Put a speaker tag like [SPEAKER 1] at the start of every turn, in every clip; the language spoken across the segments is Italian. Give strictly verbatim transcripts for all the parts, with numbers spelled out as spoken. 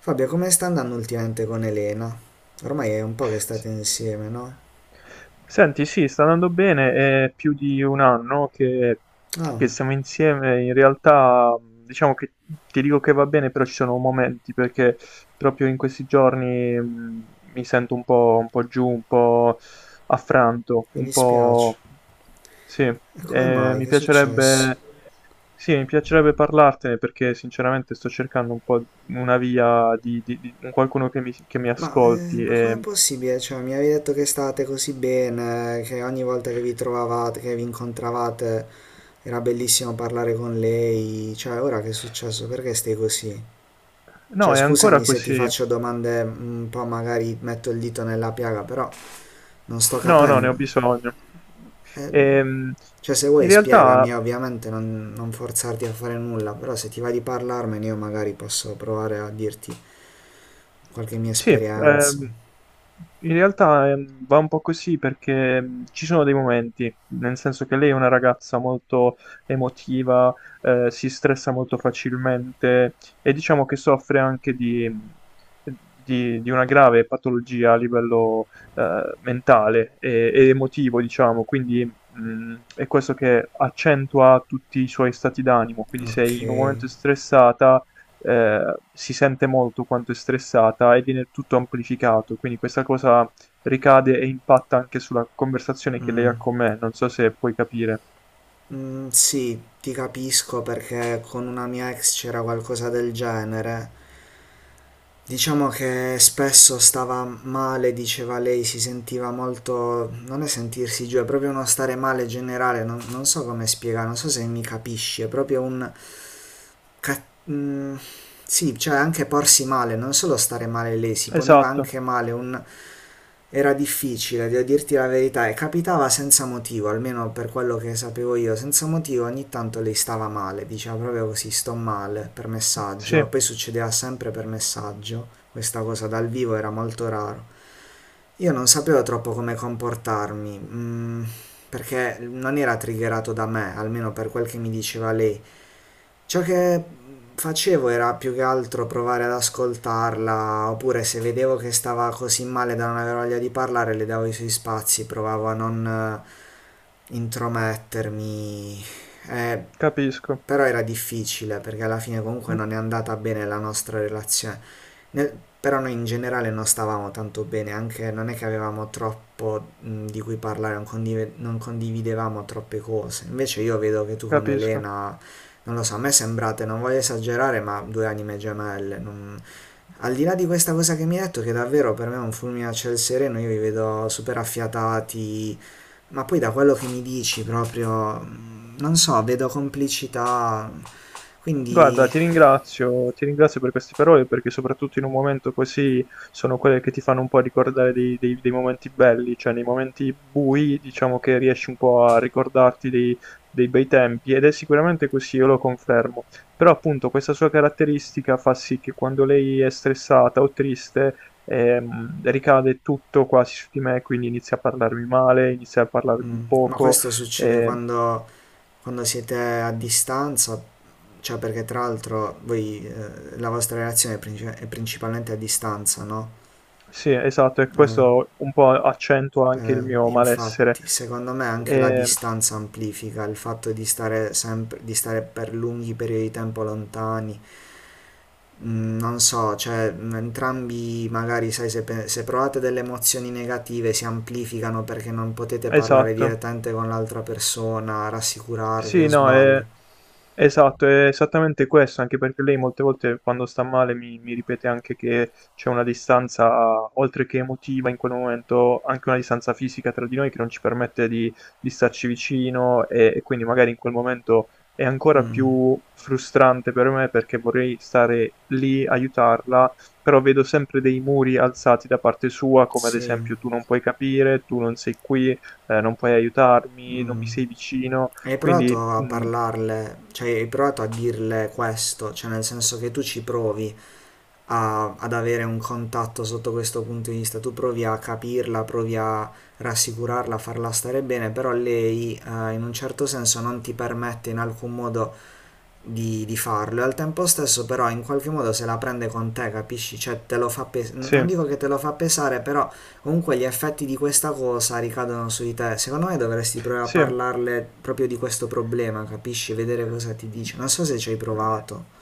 [SPEAKER 1] Fabio, come sta andando ultimamente con Elena? Ormai è un po' che
[SPEAKER 2] S-
[SPEAKER 1] state insieme, no?
[SPEAKER 2] Senti, sì, sta andando bene, è più di un anno che,
[SPEAKER 1] Oh,
[SPEAKER 2] che siamo insieme. In realtà, mh, diciamo che ti dico che va bene, però ci sono momenti perché proprio in questi giorni, mh, mi sento un po', un po' giù, un po' affranto,
[SPEAKER 1] mi
[SPEAKER 2] un
[SPEAKER 1] dispiace.
[SPEAKER 2] po'. Sì,
[SPEAKER 1] E come
[SPEAKER 2] eh,
[SPEAKER 1] mai?
[SPEAKER 2] mi
[SPEAKER 1] Che è successo?
[SPEAKER 2] piacerebbe. Sì, mi piacerebbe parlartene perché sinceramente sto cercando un po' una via di, di- di- un qualcuno che mi, che mi
[SPEAKER 1] Ma, eh,
[SPEAKER 2] ascolti
[SPEAKER 1] ma com'è
[SPEAKER 2] e.
[SPEAKER 1] possibile? Cioè, mi avevi detto che state così bene, che ogni volta che vi trovavate, che vi incontravate, era bellissimo parlare con lei. Cioè, ora che è successo? Perché stai così? Cioè,
[SPEAKER 2] No, è ancora
[SPEAKER 1] scusami se ti
[SPEAKER 2] così.
[SPEAKER 1] faccio domande un po', magari metto il dito nella piaga, però non sto
[SPEAKER 2] No, no, ne ho
[SPEAKER 1] capendo.
[SPEAKER 2] bisogno.
[SPEAKER 1] Eh,
[SPEAKER 2] Ehm,
[SPEAKER 1] Cioè, se
[SPEAKER 2] in
[SPEAKER 1] vuoi spiegami,
[SPEAKER 2] realtà.
[SPEAKER 1] ovviamente non, non forzarti a fare nulla, però se ti va di parlarmene io magari posso provare a dirti qualche mia
[SPEAKER 2] Sì,
[SPEAKER 1] esperienza.
[SPEAKER 2] ehm, in realtà ehm, va un po' così perché, mh, ci sono dei momenti, nel senso che lei è una ragazza molto emotiva. Eh, si stressa molto facilmente e diciamo che soffre anche di, mh, di- di una grave patologia a livello, eh, mentale e, e emotivo, diciamo. Quindi, mh, è questo che accentua tutti i suoi stati d'animo, quindi se
[SPEAKER 1] Ok.
[SPEAKER 2] in un momento è stressata, eh, si sente molto quanto è stressata e viene tutto amplificato, quindi questa cosa ricade e impatta anche sulla conversazione che lei ha con me. Non so se puoi capire.
[SPEAKER 1] Mm, sì, ti capisco perché con una mia ex c'era qualcosa del genere. Diciamo che spesso stava male, diceva lei, si sentiva molto... non è sentirsi giù, è proprio uno stare male generale, non, non so come spiegare, non so se mi capisci, è proprio un... ca- mm, sì, cioè anche porsi male, non solo stare male lei, si poneva
[SPEAKER 2] Esatto,
[SPEAKER 1] anche male, un- era difficile, devo dirti la verità, e capitava senza motivo, almeno per quello che sapevo io, senza motivo ogni tanto lei stava male, diceva proprio così, sto male, per
[SPEAKER 2] sì,
[SPEAKER 1] messaggio, poi succedeva sempre per messaggio, questa cosa dal vivo era molto raro. Io non sapevo troppo come comportarmi, mm, perché non era triggerato da me, almeno per quel che mi diceva lei. Ciò che facevo era più che altro provare ad ascoltarla, oppure se vedevo che stava così male da non avere voglia di parlare, le davo i suoi spazi, provavo a non eh, intromettermi. Eh,
[SPEAKER 2] capisco.
[SPEAKER 1] Però era difficile perché alla fine comunque
[SPEAKER 2] Mm,
[SPEAKER 1] non è andata bene la nostra relazione. Nel- Però noi in generale non stavamo tanto bene, anche non è che avevamo troppo mh, di cui parlare, non, condive- non condividevamo troppe cose. Invece io vedo che tu con
[SPEAKER 2] capisco.
[SPEAKER 1] Elena non lo so, a me sembrate, non voglio esagerare, ma due anime gemelle. non- Al di là di questa cosa che mi hai detto, che davvero per me è un fulmine a ciel sereno, io vi vedo super affiatati, ma poi da quello che mi dici proprio, mm, non so, vedo complicità.
[SPEAKER 2] Guarda,
[SPEAKER 1] Quindi,
[SPEAKER 2] ti ringrazio, ti ringrazio per queste parole perché soprattutto in un momento così sono quelle che ti fanno un po' ricordare dei, dei- dei momenti belli, cioè nei momenti bui diciamo che riesci un po' a ricordarti dei, dei bei tempi, ed è sicuramente così, io lo confermo. Però appunto questa sua caratteristica fa sì che quando lei è stressata o triste, ehm, ricade tutto quasi su di me, quindi inizia a parlarmi male, inizia a parlarmi
[SPEAKER 1] mm, ma
[SPEAKER 2] poco.
[SPEAKER 1] questo succede
[SPEAKER 2] Eh,
[SPEAKER 1] quando, quando siete a distanza, cioè perché tra l'altro voi, eh, la vostra relazione è, princi- è principalmente a distanza, no?
[SPEAKER 2] sì, esatto, e
[SPEAKER 1] Eh,
[SPEAKER 2] questo un po' accentua anche il
[SPEAKER 1] Eh,
[SPEAKER 2] mio malessere.
[SPEAKER 1] Infatti, secondo me anche la
[SPEAKER 2] Eh,
[SPEAKER 1] distanza amplifica il fatto di stare sempre, di stare per lunghi periodi di tempo lontani. Mm, non so, cioè, mm, entrambi magari, sai, se, pe- se provate delle emozioni negative si amplificano perché non potete parlare
[SPEAKER 2] esatto.
[SPEAKER 1] direttamente con l'altra persona, rassicurarvi
[SPEAKER 2] Sì,
[SPEAKER 1] o
[SPEAKER 2] no,
[SPEAKER 1] sbaglio.
[SPEAKER 2] è esatto, è esattamente questo, anche perché lei molte volte quando sta male mi, mi ripete anche che c'è una distanza, oltre che emotiva in quel momento, anche una distanza fisica tra di noi che non ci permette di, di starci vicino, e, e quindi magari in quel momento è ancora
[SPEAKER 1] Mm,
[SPEAKER 2] più frustrante per me perché vorrei stare lì, aiutarla, però vedo sempre dei muri alzati da parte sua, come ad
[SPEAKER 1] sì.
[SPEAKER 2] esempio tu non puoi capire, tu non sei qui, eh, non puoi aiutarmi, non
[SPEAKER 1] Mm.
[SPEAKER 2] mi sei vicino.
[SPEAKER 1] Hai
[SPEAKER 2] Quindi
[SPEAKER 1] provato a
[SPEAKER 2] mhmm,
[SPEAKER 1] parlarle, cioè hai provato a dirle questo, cioè nel senso che tu ci provi a- ad avere un contatto sotto questo punto di vista. Tu provi a capirla, provi a rassicurarla, a farla stare bene, però lei eh, in un certo senso non ti permette in alcun modo di, di farlo. E al tempo stesso però in qualche modo se la prende con te, capisci? Cioè te lo fa pesare,
[SPEAKER 2] sì,
[SPEAKER 1] non dico che te lo fa pesare, però comunque gli effetti di questa cosa ricadono su di te. Secondo me dovresti provare a
[SPEAKER 2] sì.
[SPEAKER 1] parlarle proprio di questo problema, capisci? Vedere cosa ti dice. Non so se ci hai provato.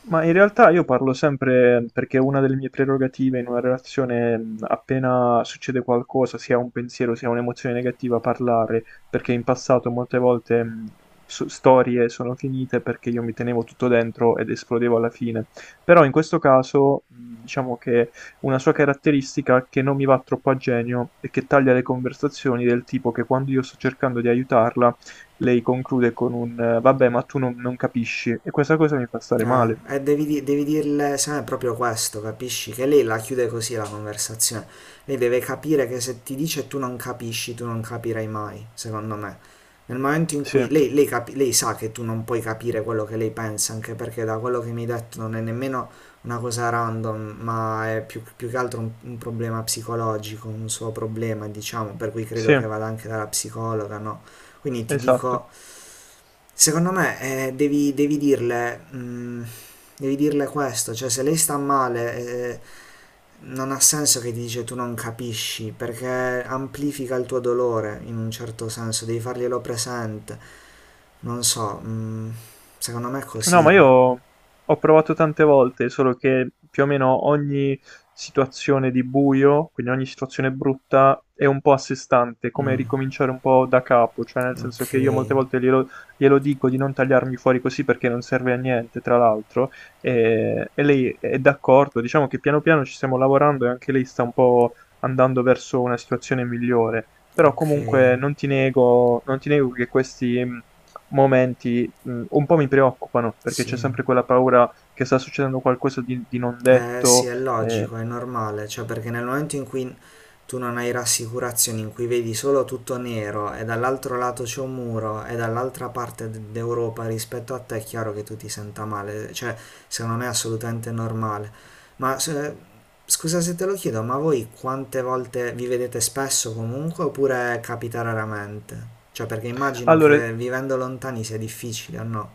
[SPEAKER 2] Ma in realtà io parlo sempre perché una delle mie prerogative in una relazione, mh, appena succede qualcosa, sia un pensiero sia un'emozione negativa, parlare, perché in passato molte volte, mh, so- storie sono finite perché io mi tenevo tutto dentro ed esplodevo alla fine. Però in questo caso, mh, diciamo che una sua caratteristica che non mi va troppo a genio è che taglia le conversazioni, del tipo che quando io sto cercando di aiutarla lei conclude con un, eh, vabbè, ma tu non non capisci, e questa cosa mi fa stare
[SPEAKER 1] Eh,
[SPEAKER 2] male.
[SPEAKER 1] e devi, di- devi dirle, se no è proprio questo, capisci? Che lei la chiude così la conversazione. Lei deve capire che se ti dice e tu non capisci, tu non capirai mai, secondo me. Nel momento in
[SPEAKER 2] Sì,
[SPEAKER 1] cui lei, lei capi- lei sa che tu non puoi capire quello che lei pensa, anche perché da quello che mi hai detto non è nemmeno una cosa random, ma è più, più che altro un, un problema psicologico, un suo problema, diciamo, per cui credo
[SPEAKER 2] sì,
[SPEAKER 1] che vada anche dalla psicologa, no? Quindi ti
[SPEAKER 2] esatto.
[SPEAKER 1] dico, secondo me eh, devi, devi dirle, mm, devi dirle questo, cioè se lei sta male, eh, non ha senso che ti dice tu non capisci, perché amplifica il tuo dolore in un certo senso, devi farglielo presente. Non so, mm, secondo me è
[SPEAKER 2] No, ma
[SPEAKER 1] così.
[SPEAKER 2] io ho provato tante volte, solo che più o meno ogni situazione di buio, quindi ogni situazione brutta, è un po' a sé stante, come
[SPEAKER 1] Mm,
[SPEAKER 2] ricominciare un po' da capo, cioè nel senso
[SPEAKER 1] ok,
[SPEAKER 2] che io molte volte glielo, glielo dico di non tagliarmi fuori così perché non serve a niente, tra l'altro, e, e lei è d'accordo, diciamo che piano piano ci stiamo lavorando e anche lei sta un po' andando verso una situazione migliore, però
[SPEAKER 1] ok,
[SPEAKER 2] comunque non ti nego, non ti nego che questi momenti, mhmm, un po' mi preoccupano, perché c'è
[SPEAKER 1] sì.
[SPEAKER 2] sempre quella paura che sta succedendo qualcosa di di non
[SPEAKER 1] Eh sì,
[SPEAKER 2] detto,
[SPEAKER 1] è
[SPEAKER 2] ehm.
[SPEAKER 1] logico, è normale, cioè perché nel momento in cui tu non hai rassicurazioni, in cui vedi solo tutto nero e dall'altro lato c'è un muro e dall'altra parte d- d'Europa rispetto a te, è chiaro che tu ti senta male, cioè secondo me è assolutamente normale. Ma se- Scusa se te lo chiedo, ma voi quante volte vi vedete spesso comunque oppure capita raramente? Cioè perché immagino
[SPEAKER 2] Allora,
[SPEAKER 1] che vivendo lontani sia difficile, o no?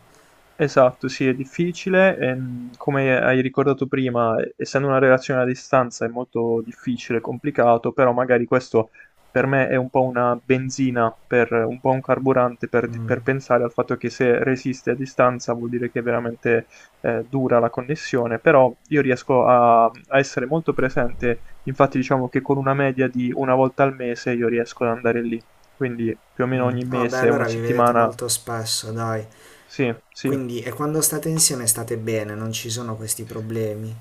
[SPEAKER 2] esatto, sì, è difficile. Ehm, come hai ricordato prima, essendo una relazione a distanza è molto difficile, complicato, però magari questo per me è un po' una benzina, per, un po' un carburante per, per pensare al fatto che se resiste a distanza vuol dire che è veramente, eh, dura la connessione, però io riesco a, a essere molto presente. Infatti diciamo che con una media di una volta al mese io riesco ad andare lì, quindi più o meno
[SPEAKER 1] Mm.
[SPEAKER 2] ogni
[SPEAKER 1] Ah beh,
[SPEAKER 2] mese, una
[SPEAKER 1] allora vi vedete
[SPEAKER 2] settimana.
[SPEAKER 1] molto spesso, dai.
[SPEAKER 2] Sì, sì.
[SPEAKER 1] Quindi, e quando state insieme state bene, non ci sono questi problemi.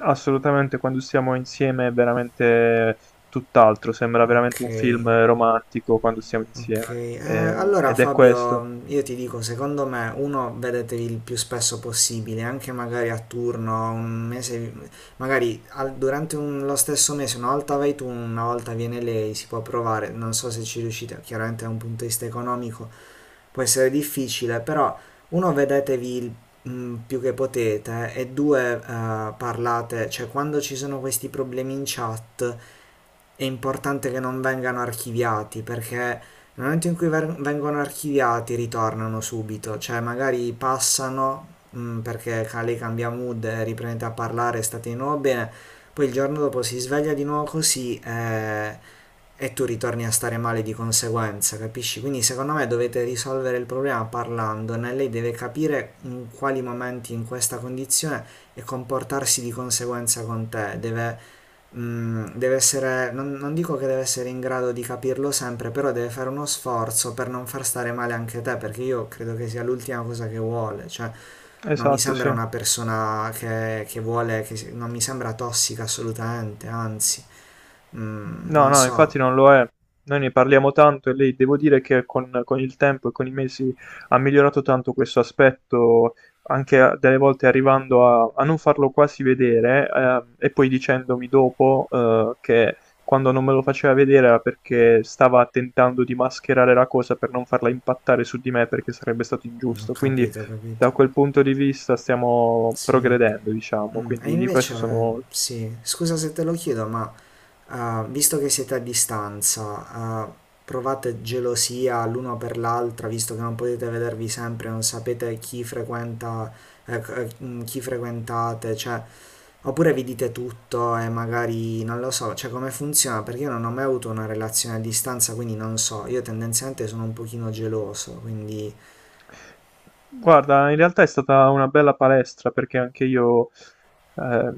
[SPEAKER 2] Assolutamente, quando stiamo insieme è veramente tutt'altro, sembra veramente
[SPEAKER 1] Ok,
[SPEAKER 2] un film romantico quando stiamo
[SPEAKER 1] ok.
[SPEAKER 2] insieme.
[SPEAKER 1] Eh,
[SPEAKER 2] Eh,
[SPEAKER 1] allora
[SPEAKER 2] ed è questo.
[SPEAKER 1] Fabio, io ti dico, secondo me uno, vedetevi il più spesso possibile, anche magari a turno, un mese, magari al- durante un- lo stesso mese, una volta vai tu, una volta viene lei, si può provare, non so se ci riuscite, chiaramente è un punto di vista economico, può essere difficile, però uno, vedetevi il mm, più che potete e due, eh, parlate, cioè quando ci sono questi problemi in chat è importante che non vengano archiviati perché nel momento in cui ver- vengono archiviati ritornano subito, cioè magari passano mm, perché Kale cambia mood, e riprende a parlare, state di nuovo bene, poi il giorno dopo si sveglia di nuovo così e e tu ritorni a stare male di conseguenza, capisci? Quindi secondo me dovete risolvere il problema parlandone, lei deve capire in quali momenti in questa condizione e comportarsi di conseguenza con te, deve, mm, deve essere, non, non dico che deve essere in grado di capirlo sempre, però deve fare uno sforzo per non far stare male anche te, perché io credo che sia l'ultima cosa che vuole, cioè non mi
[SPEAKER 2] Esatto, sì.
[SPEAKER 1] sembra una persona che, che vuole, che, non mi sembra tossica assolutamente, anzi, mm,
[SPEAKER 2] No,
[SPEAKER 1] non
[SPEAKER 2] no, infatti
[SPEAKER 1] so.
[SPEAKER 2] non lo è. Noi ne parliamo tanto e lei devo dire che con, con, il tempo e con i mesi ha migliorato tanto questo aspetto, anche a- delle volte arrivando a, a non farlo quasi vedere, eh, e poi dicendomi dopo, eh, che quando non me lo faceva vedere era perché stava tentando di mascherare la cosa per non farla impattare su di me, perché sarebbe stato
[SPEAKER 1] Ho
[SPEAKER 2] ingiusto. Quindi
[SPEAKER 1] capito, ho capito.
[SPEAKER 2] da quel punto di vista stiamo
[SPEAKER 1] Sì.
[SPEAKER 2] progredendo, diciamo,
[SPEAKER 1] Mm, e
[SPEAKER 2] quindi di questo
[SPEAKER 1] invece,
[SPEAKER 2] sono.
[SPEAKER 1] sì, scusa se te lo chiedo, ma eh, visto che siete a distanza, eh, provate gelosia l'uno per l'altra, visto che non potete vedervi sempre, non sapete chi frequenta, eh, c- eh, mm, chi frequentate, cioè, oppure vi dite tutto e magari non lo so, cioè come funziona, perché io non ho mai avuto una relazione a distanza, quindi non so, io tendenzialmente sono un pochino geloso, quindi
[SPEAKER 2] Guarda, in realtà è stata una bella palestra, perché anche io, eh,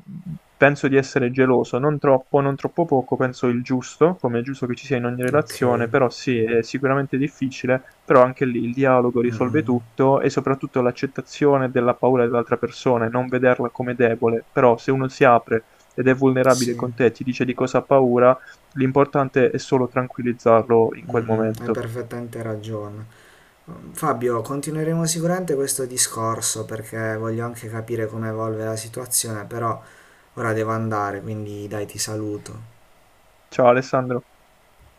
[SPEAKER 2] penso di essere geloso, non troppo, non troppo poco, penso il giusto, come è giusto che ci sia in ogni
[SPEAKER 1] ok.
[SPEAKER 2] relazione, però sì, è sicuramente difficile, però anche lì il dialogo
[SPEAKER 1] Mm,
[SPEAKER 2] risolve
[SPEAKER 1] mm.
[SPEAKER 2] tutto, e soprattutto l'accettazione della paura dell'altra persona e non vederla come debole, però se uno si apre ed è vulnerabile
[SPEAKER 1] Sì.
[SPEAKER 2] con te, ti dice di cosa ha paura, l'importante è solo tranquillizzarlo in quel
[SPEAKER 1] Mm, hai
[SPEAKER 2] momento.
[SPEAKER 1] perfettamente ragione. Fabio, continueremo sicuramente questo discorso perché voglio anche capire come evolve la situazione, però ora devo andare, quindi dai, ti saluto.
[SPEAKER 2] Ciao Alessandro.